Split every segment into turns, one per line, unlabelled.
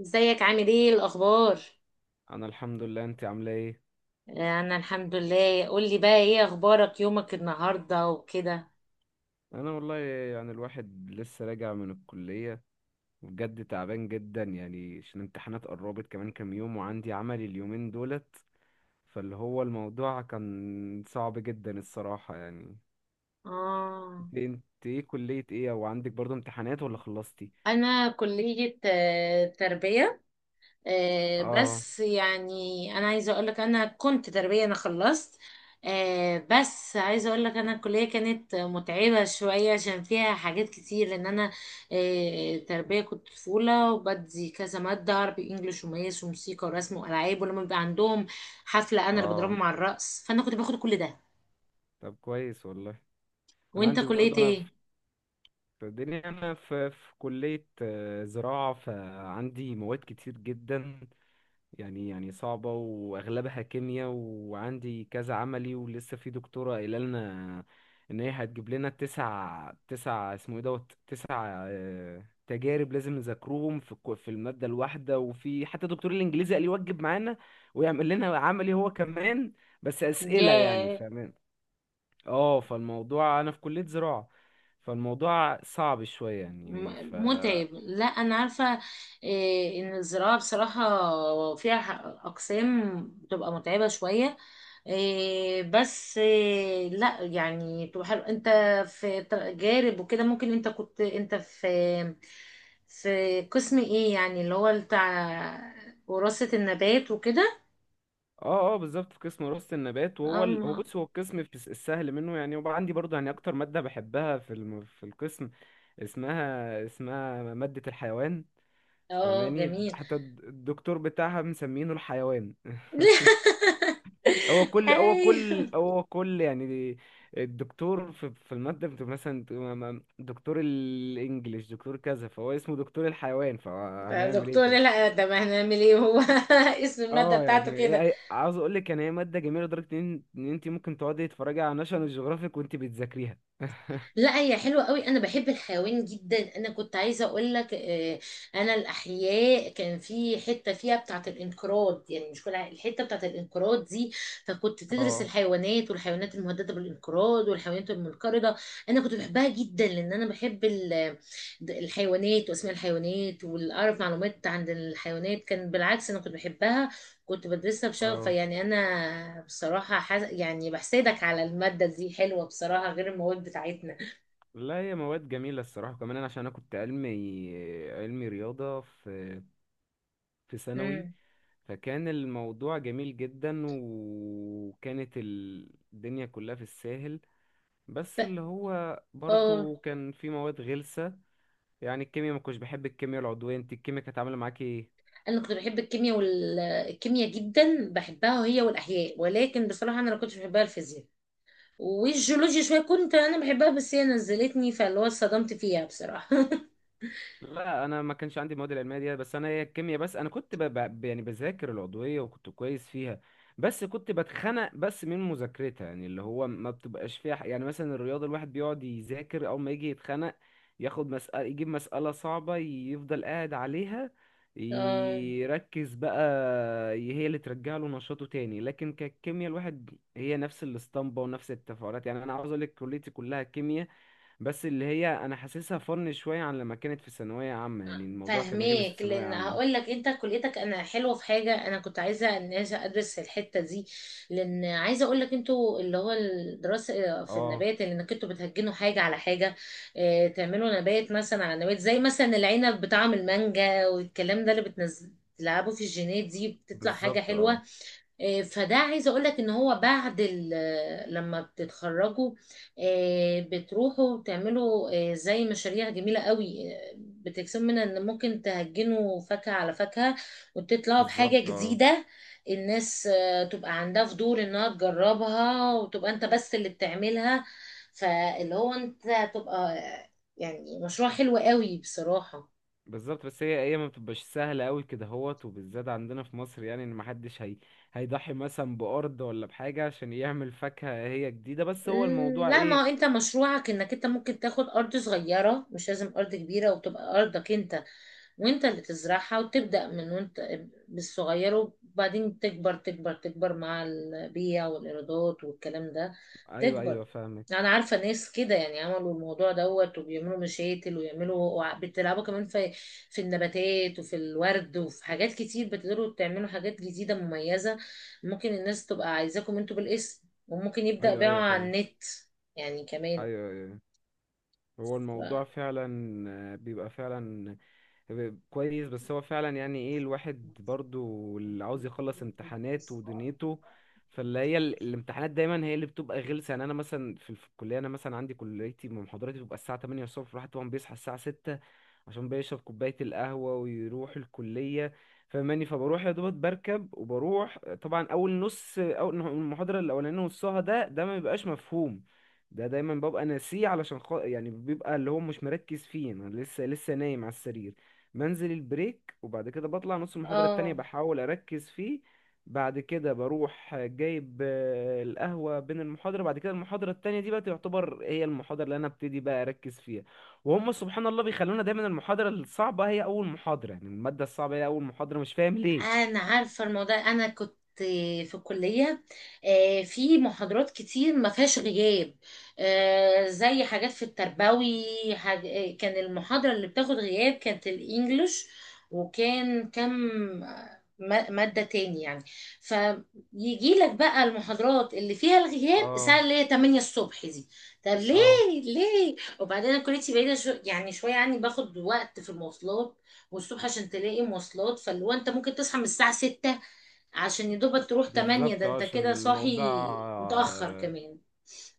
ازيك؟ عامل ايه؟ الاخبار؟
انا الحمد لله. انت عامله ايه؟
انا الحمد لله. قولي بقى، ايه اخبارك؟ يومك النهارده وكده.
انا والله يعني الواحد لسه راجع من الكليه، وبجد تعبان جدا يعني عشان الامتحانات قربت كمان كام يوم وعندي عملي اليومين دولت. فاللي هو الموضوع كان صعب جدا الصراحه يعني.
اه.
انت ايه كليه ايه او عندك برضو امتحانات ولا خلصتي؟
انا كلية تربية.
اه،
بس يعني، انا عايزه اقول لك انا كنت تربيه، انا خلصت. بس عايزه اقول لك انا الكليه كانت متعبه شويه عشان فيها حاجات كتير، لان انا تربيه كنت طفوله وبدي كذا ماده: عربي، انجليش، ومقاس، وموسيقى، ورسم، والعاب. ولما بيبقى عندهم حفله انا اللي
اه.
بضربهم على الرقص، فانا كنت باخد كل ده.
طب كويس والله. انا
وانت
عندي
كليه
برضو، انا
ايه؟
في الدنيا، انا في كليه زراعه، فعندي مواد كتير جدا يعني صعبة وأغلبها كيمياء وعندي كذا عملي، ولسه في دكتورة قايلة لنا إن هي هتجيب لنا تسع اسمه إيه دوت تسع تجارب لازم نذاكرهم في في المادة الواحدة، وفي حتى دكتور الإنجليزي قال يوجب معانا ويعمل لنا عملي هو كمان، بس أسئلة يعني
ياه.
فاهمين. اه، فالموضوع أنا في كلية زراعة، فالموضوع صعب شوية يعني.
متعب، لا انا عارفه. ان الزراعه بصراحه فيها اقسام بتبقى متعبه شويه. إيه، بس إيه، لا يعني بتبقى حلو، انت في جارب وكده. ممكن انت كنت انت في قسم ايه يعني اللي هو بتاع وراثه النبات وكده؟
اه اه بالظبط، في قسم وراثة النبات، وهو هو
أم-
بص هو القسم في السهل منه يعني، وبقى عندي برضه يعني اكتر مادة بحبها في في القسم اسمها مادة الحيوان.
اه
فماني
جميل.
حتى الدكتور بتاعها مسمينه الحيوان هو كل هو
ايوه.
كل هو كل يعني الدكتور في المادة بتبقى مثلا دكتور الانجليش دكتور كذا، فهو اسمه دكتور الحيوان،
ده
فهنعمل ايه
دكتور،
طيب؟
لا ده ما هنعمل ايه هو. اسم الماده
اه
بتاعته
يعني
كده.
عاوز اقول لك يعني هي ماده جميله لدرجه ان انت ممكن تقعدي تتفرجي على ناشونال جيوغرافيك وانت بتذاكريها
لا هي حلوة قوي، انا بحب الحيوان جدا. انا كنت عايزة اقول لك انا الاحياء كان في حتة فيها بتاعة الانقراض، يعني مش كل الحتة بتاعة الانقراض دي فكنت تدرس
اه،
الحيوانات، والحيوانات المهددة بالانقراض، والحيوانات المنقرضة. انا كنت بحبها جدا، لان انا بحب الحيوانات واسماء الحيوانات، واعرف معلومات عن الحيوانات. كان بالعكس انا كنت بحبها، كنت بدرسها بشغف.
اه.
فيعني انا بصراحة يعني بحسدك على المادة دي، حلوة بصراحة غير المواد بتاعتنا.
لا هي مواد جميلة الصراحة، كمان أنا عشان أنا كنت علمي، علمي رياضة في في ثانوي،
امم
فكان الموضوع جميل جدا، وكانت الدنيا كلها في الساهل، بس اللي هو
اه،
برضو كان في مواد غلسة يعني الكيمياء. ما كنتش بحب الكيمياء العضوية. انت الكيمياء كانت عاملة معاكي ايه؟
انا كنت بحب الكيمياء، والكيمياء جدا بحبها هي والاحياء. ولكن بصراحه انا ما كنتش بحبها الفيزياء والجيولوجيا شويه، كنت انا بحبها بس هي نزلتني، فاللي هو اتصدمت فيها بصراحه.
لا انا ما كانش عندي المواد العلميه دي، بس انا هي الكيمياء بس انا كنت يعني بذاكر العضويه وكنت كويس فيها، بس كنت بتخنق بس من مذاكرتها، يعني اللي هو ما بتبقاش فيها ح- يعني مثلا الرياضه الواحد بيقعد يذاكر اول ما يجي يتخنق، ياخد مسألة يجيب مسألة صعبة يفضل قاعد عليها
اه
يركز بقى، هي اللي ترجع له نشاطه تاني. لكن كالكيمياء الواحد، هي نفس الاسطمبة ونفس التفاعلات، يعني انا عاوز اقول لك كليتي كلها كيمياء، بس اللي هي انا حاسسها فن شويه عن لما كانت في ثانويه عامه، يعني الموضوع كان غلس في
فاهماك.
ثانويه
لان هقول
عامه.
لك انت كليتك انا حلوه، في حاجه انا كنت عايزه ان أنا ادرس في الحته دي، لان عايزه اقول لك انتوا اللي هو الدراسه في
اه
النبات، اللي انك انتوا بتهجنوا حاجه على حاجه. اه، تعملوا نبات مثلا على نبات، زي مثلا العنب بطعم المانجا والكلام ده، اللي بتنزل تلعبوا في الجينات دي، بتطلع حاجه
بالظبط. اه
حلوه. فده عايزه اقول لك ان هو بعد لما بتتخرجوا، بتروحوا تعملوا زي مشاريع جميله قوي، بتكسبوا منها، ان ممكن تهجنوا فاكهه على فاكهه وتطلعوا بحاجه
بالظبط. اه
جديده. الناس تبقى عندها فضول انها تجربها، وتبقى انت بس اللي بتعملها. فاللي هو انت تبقى يعني مشروع حلو قوي بصراحه.
بالظبط، بس هي ما بتبقاش سهله قوي كده هوت، وبالذات عندنا في مصر، يعني ان محدش هي هيضحي مثلا بارض ولا بحاجه عشان يعمل فاكهه هي جديده، بس هو الموضوع
لا، ما هو
ايه.
انت مشروعك انك انت ممكن تاخد ارض صغيرة، مش لازم ارض كبيرة، وتبقى ارضك انت وانت اللي تزرعها، وتبدأ من وانت بالصغير، وبعدين تكبر تكبر تكبر مع البيع والإيرادات والكلام ده.
ايوه
تكبر.
ايوه فاهمك.
انا عارفة ناس كده يعني عملوا الموضوع دوت، وبيعملوا مشاتل ويعملوا بتلعبوا كمان في النباتات، وفي الورد، وفي حاجات كتير، بتقدروا تعملوا حاجات جديدة مميزة. ممكن الناس تبقى عايزاكم انتوا بالاسم، وممكن يبدأ
ايوه
بيعه
ايوه
على
فاهمك.
النت يعني كمان.
ايوه ايوه. هو
ف-
الموضوع فعلا بيبقى فعلا كويس، بس هو فعلا يعني ايه الواحد برضو اللي عاوز يخلص امتحانات ودنيته، فاللي هي الامتحانات دايما هي اللي بتبقى غلسة، يعني انا مثلا في الكلية، انا مثلا عندي كليتي محاضراتي بتبقى الساعة 8:00 الصبح، الواحد طبعا بيصحى الساعة 6:00 عشان بيشرب كوباية القهوة ويروح الكلية. فماني فبروح يا دوبك بركب وبروح، طبعا اول نص اول المحاضرة الاولانية نصها ده ما بيبقاش مفهوم، ده دايما ببقى ناسيه علشان يعني بيبقى اللي هو مش مركز فيه، انا لسه نايم على السرير، بنزل البريك وبعد كده بطلع نص المحاضرة التانية
اه
بحاول أركز فيه. بعد كده بروح جايب القهوة بين المحاضرة، بعد كده المحاضرة التانية دي بقى تعتبر هي المحاضرة اللي أنا ابتدي بقى أركز فيها، وهم سبحان الله بيخلونا دايما المحاضرة الصعبة هي أول محاضرة، يعني المادة الصعبة هي أول محاضرة، مش فاهم ليه.
انا عارفه الموضوع. انا كنت في الكليه في محاضرات كتير ما فيهاش غياب، زي حاجات في التربوي. حاج... آه، كان المحاضره اللي بتاخد غياب كانت الانجليش، وكان ماده تاني يعني. فيجي لك بقى المحاضرات اللي فيها الغياب الساعه
اه.
اللي هي 8 الصبح دي. طب ليه؟
اه
وبعدين أنا كليتي بعيده يعني شويه عني، باخد وقت في المواصلات. والصبح عشان تلاقي مواصلات فاللي هو انت ممكن تصحى من الساعة ستة عشان يدوبك تروح تمانية،
بالظبط
ده انت
عشان
كده صاحي
الموضوع.
متأخر كمان.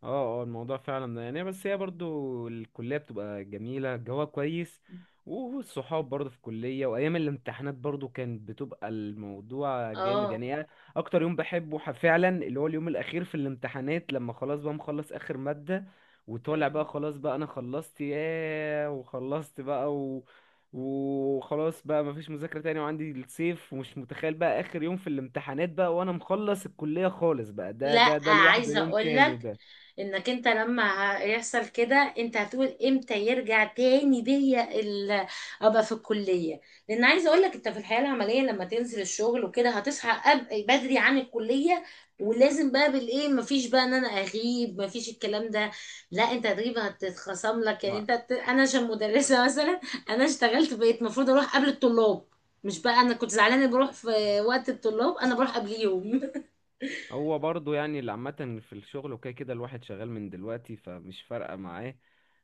اه اه الموضوع فعلا ده يعني، بس هي برضو الكلية بتبقى جميلة، الجو كويس، والصحاب برضو في الكلية، وأيام الامتحانات برضو كانت بتبقى الموضوع جامد،
اه.
يعني أنا أكتر يوم بحبه فعلا اللي هو اليوم الأخير في الامتحانات، لما خلاص بقى مخلص آخر مادة، وطالع بقى خلاص بقى أنا خلصت، ياه وخلصت بقى. وخلاص بقى مفيش مذاكرة تاني، وعندي الصيف، ومش متخيل بقى آخر يوم في الامتحانات بقى وأنا مخلص الكلية خالص بقى، ده
لا
ده ده لوحده
عايزة
يوم تاني
اقولك،
ده.
انك انت لما يحصل كده، انت هتقول امتى يرجع تاني بيا ابقى في الكلية؟ لان عايزة اقولك، انت في الحياة العملية لما تنزل الشغل وكده هتصحى بدري عن الكلية، ولازم بقى بالايه، مفيش بقى ان انا اغيب، مفيش الكلام ده. لا، انت هتغيب هتتخصم لك، يعني
ما
انا عشان مدرسة مثلا، انا اشتغلت بقيت المفروض اروح قبل الطلاب، مش بقى انا كنت زعلانة بروح في وقت الطلاب، انا بروح قبليهم.
هو برضو يعني اللي عامة في الشغل وكده، كده الواحد شغال من دلوقتي فمش فارقة معاه،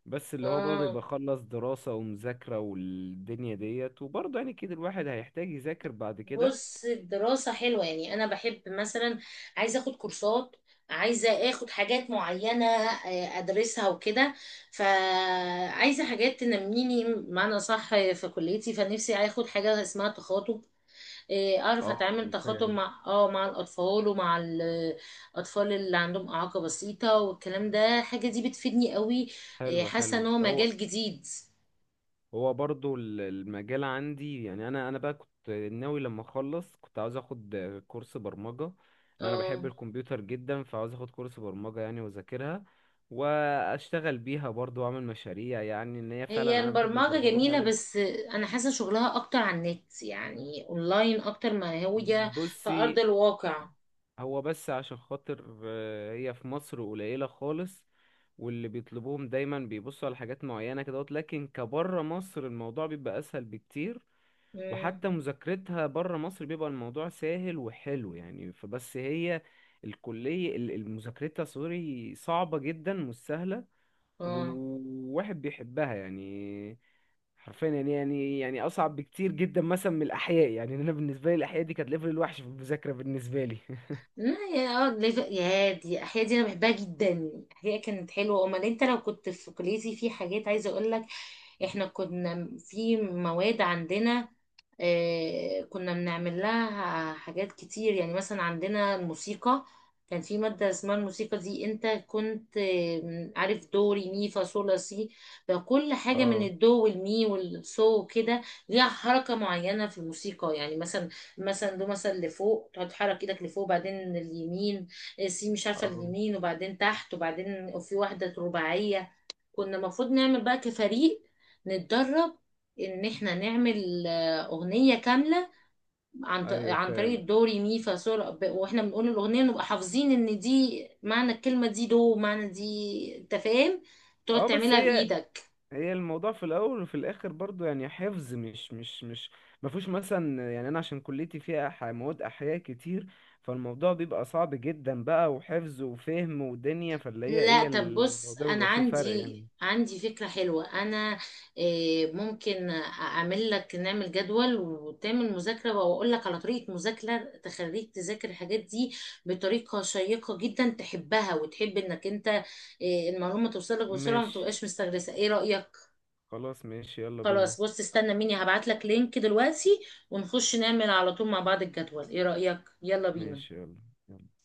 بس اللي هو برضه
اه،
يبقى خلص دراسة ومذاكرة والدنيا ديت، وبرضه يعني كده الواحد هيحتاج يذاكر بعد كده.
بص الدراسة حلوة، يعني أنا بحب مثلا عايزة أخد كورسات، عايزة أخد حاجات معينة أدرسها وكده. فعايزة حاجات تنميني معنى صح في كليتي، فنفسي أخد حاجة اسمها تخاطب، أعرف
اه
أتعامل تخاطب
فاهم.
مع مع الأطفال، ومع الأطفال اللي عندهم إعاقة بسيطة والكلام ده، الحاجة دي بتفيدني قوي.
حلو
حاسة
حلو.
إن هو
هو
مجال جديد.
هو برضو المجال عندي يعني، انا بقى كنت ناوي لما اخلص كنت عاوز اخد كورس برمجة، لان انا بحب
اه،
الكمبيوتر جدا، فعاوز اخد كورس برمجة يعني واذاكرها واشتغل بيها برضو واعمل مشاريع، يعني ان هي فعلا
هي
انا بحب
البرمجة
البرمجة
جميلة،
بحب.
بس أنا حاسة شغلها أكتر على النت، يعني أونلاين، أكتر ما هي في
بصي،
أرض الواقع.
هو بس عشان خاطر هي في مصر قليلة خالص، واللي بيطلبوهم دايما بيبصوا على حاجات معينة كده، لكن كبره مصر الموضوع بيبقى اسهل بكتير،
مم.
وحتى مذاكرتها بره مصر بيبقى الموضوع سهل وحلو يعني. فبس هي الكلية المذاكرتها سوري صعبة جدا، مش سهلة،
اه،
والواحد بيحبها يعني، حرفيا يعني يعني أصعب بكتير جدا مثلا من الأحياء، يعني أنا بالنسبة لي الأحياء دي كانت ليفل الوحش في المذاكرة بالنسبة لي
لا، يا دي أحياء دي أنا بحبها جدا، أحياء كانت حلوة. أمال أنت لو كنت في كليتي، في حاجات عايزة أقولك، إحنا كنا في مواد عندنا كنا بنعمل لها حاجات كتير. يعني مثلا عندنا الموسيقى، كان في مادة اسمها الموسيقى دي. انت كنت عارف دو ري مي فا صول لا سي؟ فكل حاجة من
اه،
الدو والمي والصو وكده ليها حركة معينة في الموسيقى. يعني مثلا، مثلا دو مثلا لفوق، تقعد تحرك ايدك لفوق، وبعدين اليمين، سي مش عارفة
اه.
اليمين، وبعدين تحت، وبعدين في واحدة رباعية. كنا المفروض نعمل بقى كفريق، نتدرب ان احنا نعمل اغنية كاملة عن ط-
ايوه
عن طريق
فاهم.
الدو ري مي فا صول، واحنا بنقول الاغنية نبقى حافظين ان دي معنى الكلمة دي، دو معنى دي، انت فاهم؟ تقعد
اه بس
تعملها
هي
بايدك.
هي الموضوع في الاول وفي الاخر برضو يعني حفظ، مش مش مش ما فيهوش مثلا، يعني انا عشان كليتي فيها مواد احياء كتير، فالموضوع بيبقى صعب جدا بقى، وحفظ وفهم ودنيا، فاللي هي
لا
ايه
طب بص
الموضوع
انا
بيبقى فيه فرق يعني.
عندي فكرة حلوة. انا ممكن اعمل لك، نعمل جدول وتعمل مذاكرة، واقول لك على طريقة مذاكرة تخليك تذاكر الحاجات دي بطريقة شيقة جدا، تحبها وتحب انك انت المعلومة توصلك بسرعة وما
ماشي،
تبقاش مستغرسة. ايه رأيك؟
خلاص ماشي يلا بينا.
خلاص بص، استنى مني هبعت لك لينك دلوقتي، ونخش نعمل على طول مع بعض الجدول. ايه رأيك؟ يلا بينا.
ماشي يلا. يلا.